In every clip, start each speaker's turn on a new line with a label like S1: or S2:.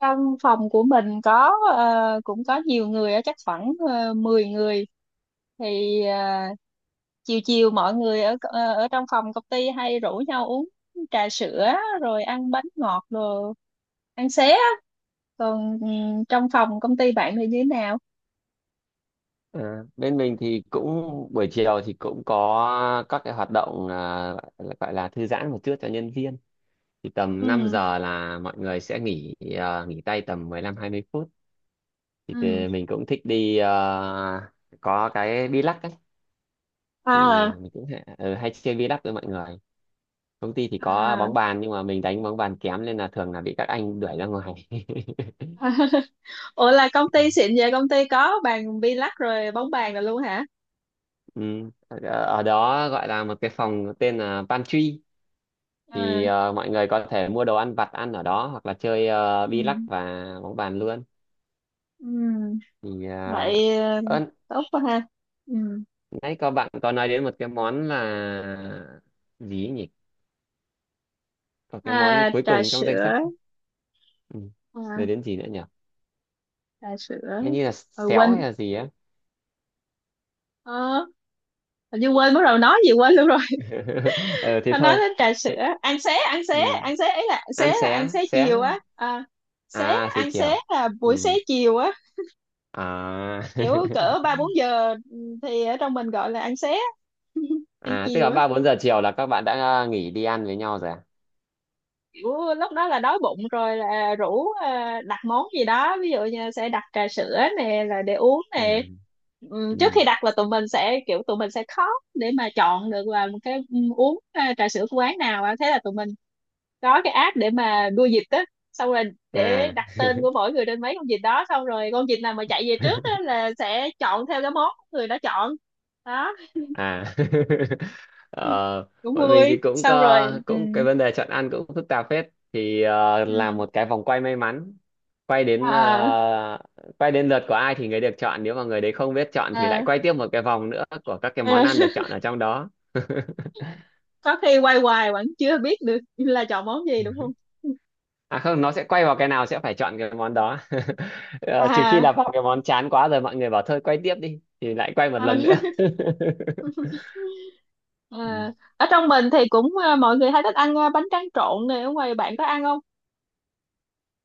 S1: Trong phòng của mình có cũng có nhiều người á, chắc khoảng 10 người thì chiều chiều mọi người ở trong phòng công ty hay rủ nhau uống trà sữa, rồi ăn bánh ngọt, rồi ăn xé á. Còn trong phòng công ty bạn thì như thế nào?
S2: Ờ, Bên mình thì cũng buổi chiều thì cũng có các cái hoạt động, gọi gọi là thư giãn một chút cho nhân viên, thì tầm 5
S1: Ừ.
S2: giờ là mọi người sẽ nghỉ, nghỉ tay tầm 15 20 phút.
S1: Ừ.
S2: Mình cũng thích đi, có cái bi lắc ấy. Thì
S1: À.
S2: mình cũng hay, ừ, hay chơi bi lắc với mọi người. Công ty thì có
S1: À.
S2: bóng bàn nhưng mà mình đánh bóng bàn kém nên là thường là bị các anh đuổi ra ngoài.
S1: Ủa, là công ty xịn vậy, công ty có bàn bi lắc rồi bóng bàn rồi luôn hả?
S2: Ừ. ở Ở đó gọi là một cái phòng tên là pantry.
S1: À.
S2: Mọi người có thể mua đồ ăn vặt ăn ở đó hoặc là chơi bi lắc
S1: Ừ.
S2: và bóng bàn luôn.
S1: Ừ.
S2: thì ờ,
S1: Vậy
S2: ơ,
S1: tốt quá ha. Ừ.
S2: Nãy có bạn có nói đến một cái món là gì ấy nhỉ, có cái
S1: À,
S2: món cuối
S1: trà
S2: cùng trong danh sách.
S1: sữa.
S2: Ừ. Rồi
S1: À,
S2: đến gì nữa nhỉ,
S1: trà
S2: hình
S1: sữa
S2: như là
S1: rồi
S2: xéo hay
S1: quên.
S2: là gì á.
S1: ờ, Hình như quên, bắt đầu nói gì quên luôn rồi.
S2: Ờ Thế
S1: Tao nói
S2: thôi.
S1: đến trà
S2: Thế,
S1: sữa. Ăn xế, ăn xế,
S2: ừ,
S1: ăn xế ấy, là xế,
S2: ăn
S1: là ăn
S2: xé
S1: xế chiều
S2: xé
S1: á. À, xế,
S2: À xế
S1: ăn xế
S2: chiều.
S1: là
S2: Ừ.
S1: buổi xế chiều á.
S2: À.
S1: Kiểu cỡ ba bốn giờ, thì ở trong mình gọi là ăn xế á, ăn
S2: À tức
S1: chiều
S2: là
S1: á.
S2: 3 4 giờ chiều là các bạn đã, nghỉ đi ăn với nhau rồi à.
S1: Kiểu lúc đó là đói bụng rồi là rủ đặt món gì đó, ví dụ như sẽ đặt trà sữa nè là để uống nè.
S2: Ừ.
S1: Trước khi
S2: Ừ.
S1: đặt là tụi mình sẽ khóc để mà chọn được là một cái uống trà sữa của quán nào á. Thế là tụi mình có cái app để mà đua vịt á, xong rồi để
S2: À.
S1: đặt tên của mỗi người trên mấy con vịt đó, xong rồi con vịt nào mà chạy về trước á là sẽ chọn theo cái món người đó chọn. Đó.
S2: À. ờ,
S1: Cũng
S2: Bọn mình thì
S1: vui.
S2: cũng
S1: Xong rồi.
S2: có
S1: Ừ.
S2: cũng cái vấn đề chọn ăn cũng phức tạp phết. Thì
S1: Ừ.
S2: làm một cái vòng quay may mắn, quay đến
S1: À.
S2: quay đến lượt của ai thì người được chọn, nếu mà người đấy không biết chọn thì lại
S1: À,
S2: quay tiếp một cái vòng nữa của các cái món
S1: à.
S2: ăn được chọn ở trong đó.
S1: Có khi quay hoài vẫn chưa biết được là chọn món gì đúng không?
S2: À không, nó sẽ quay vào cái nào sẽ phải chọn cái món đó. Ờ, trừ khi là
S1: À.
S2: vào cái món chán quá rồi mọi người bảo thôi quay tiếp đi thì lại quay một
S1: ờ,
S2: lần nữa. Ừ.
S1: À, ở trong mình thì cũng à, mọi người hay thích ăn à, bánh tráng trộn này, ở ngoài bạn có ăn không?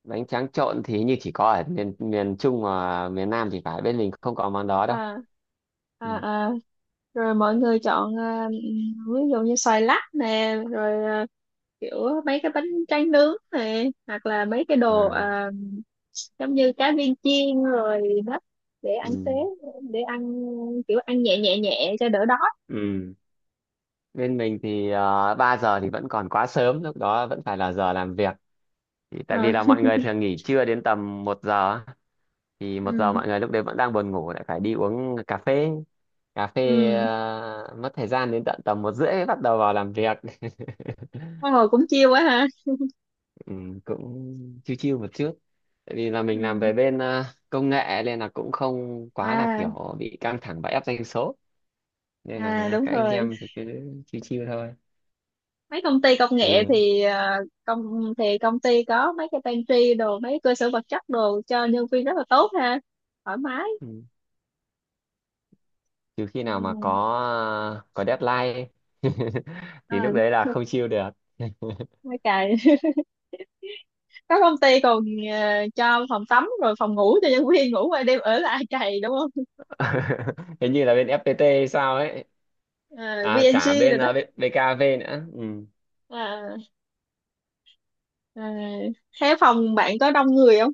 S2: Bánh tráng trộn thì như chỉ có ở miền miền Trung và miền Nam thì phải, bên mình không có món đó đâu.
S1: À. À,
S2: Ừ.
S1: à. Rồi mọi người chọn à, ví dụ như xoài lắc nè, rồi à, kiểu mấy cái bánh tráng nướng nè, hoặc là mấy cái đồ
S2: À,
S1: à, giống như cá viên chiên rồi. Đó, để ăn xế,
S2: ừ.
S1: để ăn, kiểu ăn nhẹ nhẹ nhẹ cho đỡ đói.
S2: Ừ. Bên mình thì 3 giờ thì vẫn còn quá sớm, lúc đó vẫn phải là giờ làm việc. Thì tại
S1: À.
S2: vì là mọi người thường nghỉ trưa đến tầm 1 giờ á. Thì 1 giờ
S1: Ừ.
S2: mọi người lúc đấy vẫn đang buồn ngủ lại phải đi uống cà phê. Cà phê
S1: Ừ.
S2: mất thời gian đến tận tầm 1 rưỡi mới bắt đầu vào làm việc.
S1: Ôi, hồi cũng chiêu quá ha.
S2: Ừ, cũng chiêu chiêu một chút, tại vì là mình làm
S1: Ừ.
S2: về bên, công nghệ nên là cũng không quá là
S1: À.
S2: kiểu bị căng thẳng và ép doanh số. Nên là
S1: À,
S2: à,
S1: đúng
S2: các anh
S1: rồi.
S2: em thì cứ chiêu chiêu thôi.
S1: Mấy công ty công nghệ
S2: trừ
S1: thì công ty có mấy cái pantry đồ, mấy cơ sở vật chất đồ cho nhân viên rất là tốt ha. Thoải mái.
S2: ừ. Trừ khi nào mà có,
S1: Ừ.
S2: có deadline ấy.
S1: À,
S2: Thì lúc đấy là không chiêu được.
S1: mấy cày. Có công ty còn ờ, cho phòng tắm rồi phòng ngủ cho nhân viên ngủ qua đêm ở lại cày đúng không?
S2: Hình như là bên FPT hay sao ấy.
S1: À,
S2: À cả
S1: VNG
S2: bên,
S1: rồi đó.
S2: bên BKV nữa. Ừ.
S1: À. À. Thế phòng bạn có đông người không?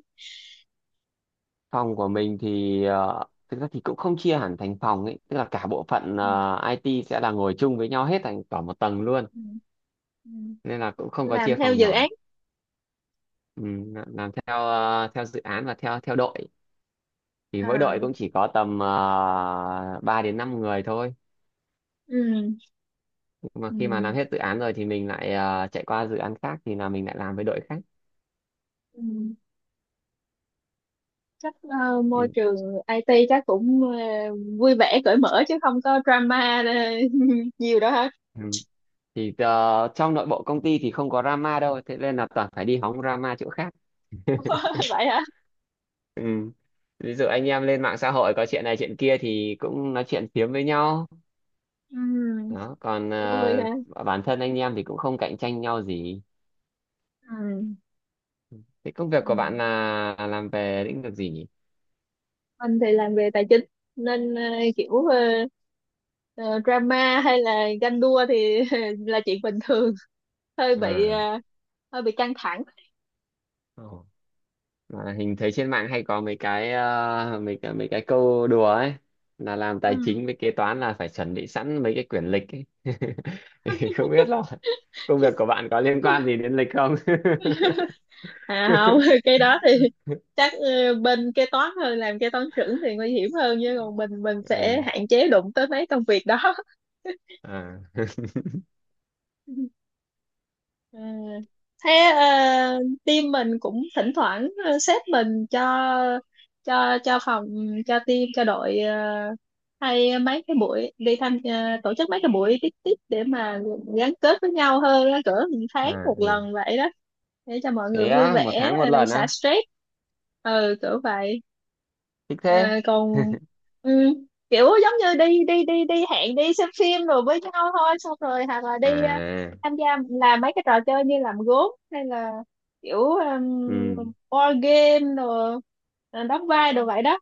S2: Phòng của mình thì thực ra thì cũng không chia hẳn thành phòng ấy, tức là cả bộ phận
S1: Ừ.
S2: IT sẽ là ngồi chung với nhau hết thành cả một tầng luôn,
S1: Ừ. Ừ.
S2: nên là cũng không có
S1: Làm
S2: chia
S1: theo
S2: phòng
S1: dự
S2: nhỏ.
S1: án.
S2: Ừ, làm theo theo dự án và theo theo đội. Thì mỗi đội
S1: À.
S2: cũng chỉ có tầm 3 đến 5 người thôi,
S1: Ừ.
S2: nhưng mà
S1: Ừ.
S2: khi mà làm hết dự án rồi thì mình lại chạy qua dự án khác thì là mình lại làm với đội khác.
S1: Ừ. Chắc môi
S2: thì,
S1: trường IT chắc cũng vui vẻ cởi mở chứ không có drama nhiều đó hả?
S2: ừ. Thì trong nội bộ công ty thì không có drama đâu, thế nên là toàn phải đi hóng drama chỗ khác.
S1: Ừ, vậy hả?
S2: Ừ. Ví dụ anh em lên mạng xã hội có chuyện này chuyện kia thì cũng nói chuyện phiếm với nhau.
S1: Ừ.
S2: Đó còn
S1: Cũng vui ha.
S2: bản thân anh em thì cũng không cạnh tranh nhau gì.
S1: Ừ.
S2: Thế công
S1: Ừ.
S2: việc của bạn là làm về lĩnh vực gì nhỉ?
S1: Anh thì làm về tài chính, nên kiểu ờ, drama hay là ganh đua thì là chuyện bình thường. hơi bị
S2: À.
S1: ờ, hơi bị căng thẳng.
S2: Ồ. Mà hình thấy trên mạng hay có mấy cái mấy cái câu đùa ấy, là làm
S1: Ừ.
S2: tài chính với kế toán là phải chuẩn bị sẵn mấy cái quyển lịch ấy. Không biết là công việc của bạn có liên quan gì đến lịch không?
S1: À, không, cái đó thì chắc bên kế toán hơn, làm kế toán trưởng thì nguy hiểm hơn, chứ còn mình sẽ
S2: Ừ.
S1: hạn chế đụng tới mấy công việc đó.
S2: À.
S1: Ừ. Thế ờ, team mình cũng thỉnh thoảng sếp mình cho cho phòng, cho team, cho đội hay mấy cái buổi đi tham tổ chức mấy cái buổi tiếp tiếp để mà gắn kết với nhau hơn á, cỡ một tháng
S2: À
S1: một
S2: ừ.
S1: lần vậy đó, để cho mọi người
S2: Thế
S1: vui
S2: á, một
S1: vẻ
S2: tháng một lần
S1: xả
S2: á?
S1: stress. Ừ, cỡ vậy.
S2: Thích
S1: Ờ,
S2: thế.
S1: còn ừ, kiểu giống như đi đi đi đi hẹn đi xem phim rồi với nhau thôi, xong rồi hoặc là đi
S2: À
S1: tham gia làm mấy cái trò chơi như làm gốm hay là kiểu
S2: ừ.
S1: board game, rồi rồi đóng vai đồ vậy đó,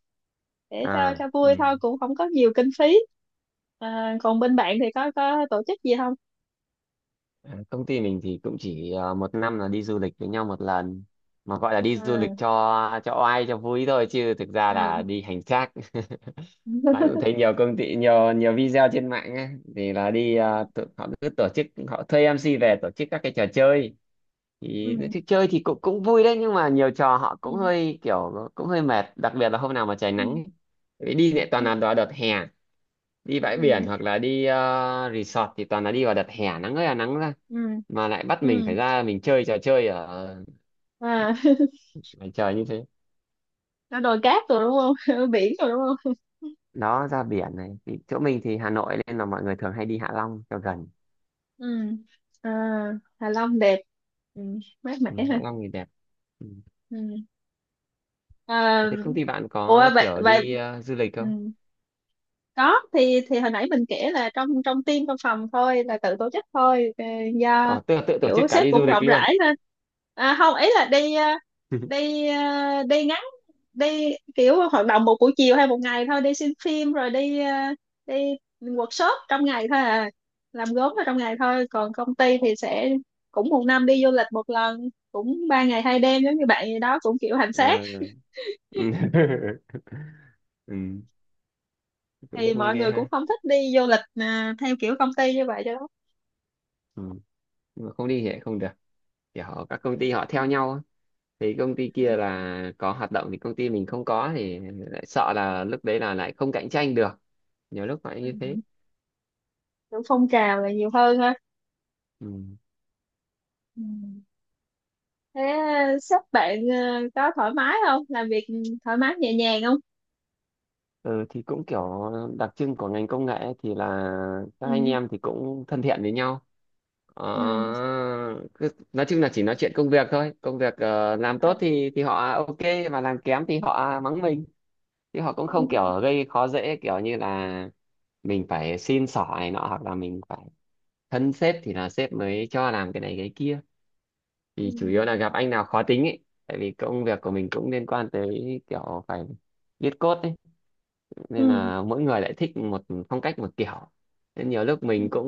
S1: để cho
S2: À
S1: cho
S2: ừ.
S1: vui thôi, cũng không có nhiều kinh phí. À, còn bên bạn thì có tổ chức gì không?
S2: À, công ty mình thì cũng chỉ 1 năm là đi du lịch với nhau 1 lần. Mà gọi là đi du
S1: À.
S2: lịch cho oai cho vui thôi chứ thực ra là
S1: À.
S2: đi hành xác. Bạn cũng thấy nhiều công ty, nhiều nhiều video trên mạng ấy, thì là đi họ cứ tổ chức, họ thuê MC về tổ chức các cái trò chơi. thì
S1: Ừ.
S2: thì chơi thì cũng cũng vui đấy, nhưng mà nhiều trò họ cũng
S1: Ừ.
S2: hơi kiểu cũng hơi mệt, đặc biệt là hôm nào mà trời nắng
S1: Ừ.
S2: ấy. Tại vì đi lại toàn là vào
S1: Ừ.
S2: đợt hè, đi bãi biển
S1: Ừ.
S2: hoặc là đi resort thì toàn là đi vào đợt hè nắng ơi là nắng ra,
S1: Ừ.
S2: mà lại bắt mình
S1: Ừ.
S2: phải ra mình chơi trò chơi ở
S1: À.
S2: ngoài trời như thế.
S1: Nó đồi cát rồi đúng không? Ở biển rồi đúng không?
S2: Đó ra biển này thì chỗ mình thì Hà Nội nên là mọi người thường hay đi Hạ Long cho gần.
S1: Ừ. À, Hạ Long đẹp. Ừ, mát
S2: Ừ,
S1: mẻ ha.
S2: Hạ Long thì đẹp. Ừ.
S1: Ừ. À,
S2: Thế công ty bạn
S1: ủa,
S2: có
S1: vậy
S2: kiểu
S1: vậy.
S2: đi du lịch
S1: Ừ.
S2: không?
S1: Có, thì hồi nãy mình kể là trong trong team, trong phòng thôi là tự tổ chức thôi do
S2: Ờ tự tự tổ
S1: kiểu
S2: chức cả
S1: sếp
S2: đi
S1: cũng
S2: du lịch
S1: rộng
S2: luôn?
S1: rãi nên à, không, ý là đi đi ờ, đi ngắn, đi kiểu hoạt động một buổi chiều hay một ngày thôi, đi xem phim rồi đi đi workshop trong ngày thôi à, làm gốm ở trong ngày thôi. Còn công ty thì sẽ cũng một năm đi du lịch một lần, cũng 3 ngày 2 đêm, giống như bạn gì đó, cũng kiểu hành xác.
S2: Ừ. Ừ. Ừ, cũng
S1: Thì
S2: vui
S1: mọi
S2: ghê
S1: người cũng
S2: ha.
S1: không thích đi du lịch à, theo kiểu công ty như vậy cho lắm.
S2: Ừ. Nhưng mà không đi thì lại không được, các công ty họ theo nhau á. Thì công ty kia là có hoạt động thì công ty mình không có thì lại sợ là lúc đấy là lại không cạnh tranh được, nhiều lúc phải như thế.
S1: Ừ. Kiểu phong trào là nhiều hơn ha.
S2: Ừ.
S1: Ừ. Thế à, sếp bạn à, có thoải mái không, làm việc thoải mái nhẹ nhàng không?
S2: Ừ, thì cũng kiểu đặc trưng của ngành công nghệ ấy thì là các anh
S1: Ừ.
S2: em thì cũng thân thiện với nhau. Ờ,
S1: Ừ.
S2: cứ, nói chung là chỉ nói chuyện công việc thôi. Công việc làm tốt thì họ ok, mà làm kém thì họ mắng mình, chứ họ cũng không
S1: Ừ.
S2: kiểu gây khó dễ kiểu như là mình phải xin xỏ này nọ, hoặc là mình phải thân sếp thì là sếp mới cho làm cái này cái kia. Thì chủ yếu là gặp anh nào khó tính ấy, tại vì công việc của mình cũng liên quan tới kiểu phải viết code ấy,
S1: Ừ.
S2: nên là mỗi người lại thích một phong cách một kiểu, nên nhiều lúc mình cũng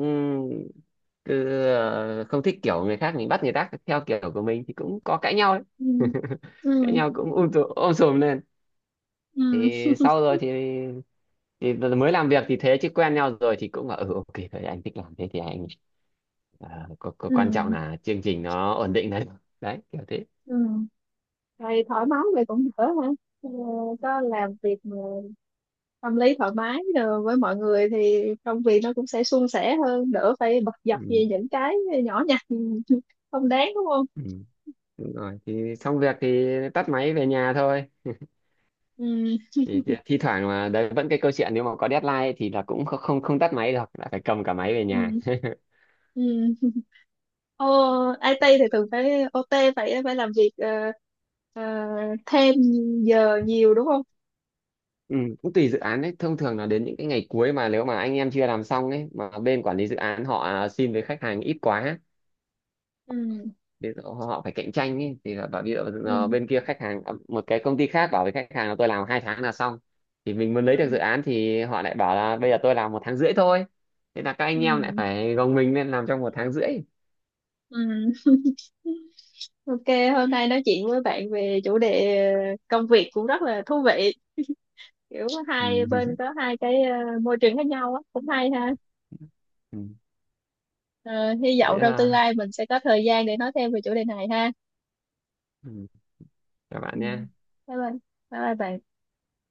S2: cứ không thích kiểu người khác, mình bắt người khác theo kiểu của mình thì cũng có cãi nhau ấy.
S1: Ừ. Ừ.
S2: Cãi nhau cũng ôm sùm lên.
S1: Ừ. Ừ.
S2: Thì sau rồi thì mới làm việc thì thế, chứ quen nhau rồi thì cũng là ừ ok đấy, anh thích làm thế thì anh ờ, có quan trọng
S1: Ừ.
S2: là chương trình nó ổn định đấy. Đấy kiểu thế.
S1: Ừ. Thì thoải mái vậy cũng đỡ ha. Ờ, có làm việc mà tâm lý thoải mái rồi với mọi người thì công việc nó cũng sẽ suôn sẻ hơn, đỡ phải bật dập
S2: Ừ.
S1: về những cái nhỏ nhặt, ừ, không đáng đúng không?
S2: Ừ. Đúng rồi, thì xong việc thì tắt máy về nhà thôi.
S1: Ừ.
S2: Thì thi thi thoảng mà đấy vẫn cái câu chuyện, nếu mà có deadline thì là cũng không không không tắt máy được, là phải cầm cả máy về
S1: Ừ.
S2: nhà.
S1: Ừ. Ồ, IT thì thường phải OT, phải phải làm việc ờ, thêm giờ nhiều đúng không?
S2: Ừ, cũng tùy dự án đấy, thông thường là đến những cái ngày cuối mà nếu mà anh em chưa làm xong ấy mà bên quản lý dự án họ xin với khách hàng ít quá.
S1: Ừ.
S2: Ví dụ họ phải cạnh tranh ý, thì là bảo ví dụ
S1: Ừ.
S2: bên kia khách hàng, một cái công ty khác bảo với khách hàng là tôi làm 2 tháng là xong, thì mình muốn
S1: Ừ.
S2: lấy được dự án thì họ lại bảo là bây giờ tôi làm 1,5 tháng thôi, thế là các anh em lại
S1: Ừ.
S2: phải gồng mình lên làm trong 1,5 tháng.
S1: Ừ. Ok, hôm nay nói chuyện với bạn về chủ đề công việc cũng rất là thú vị. Kiểu
S2: Ừ.
S1: hai bên có hai cái môi trường khác nhau á, cũng hay ha.
S2: Ừ.
S1: Ờ, hy vọng
S2: Thế,
S1: trong tương
S2: à,
S1: lai mình sẽ có thời gian để nói thêm về chủ đề này ha.
S2: ừ, các bạn
S1: Ừ.
S2: nhé.
S1: Bye bye. Bye bye bạn.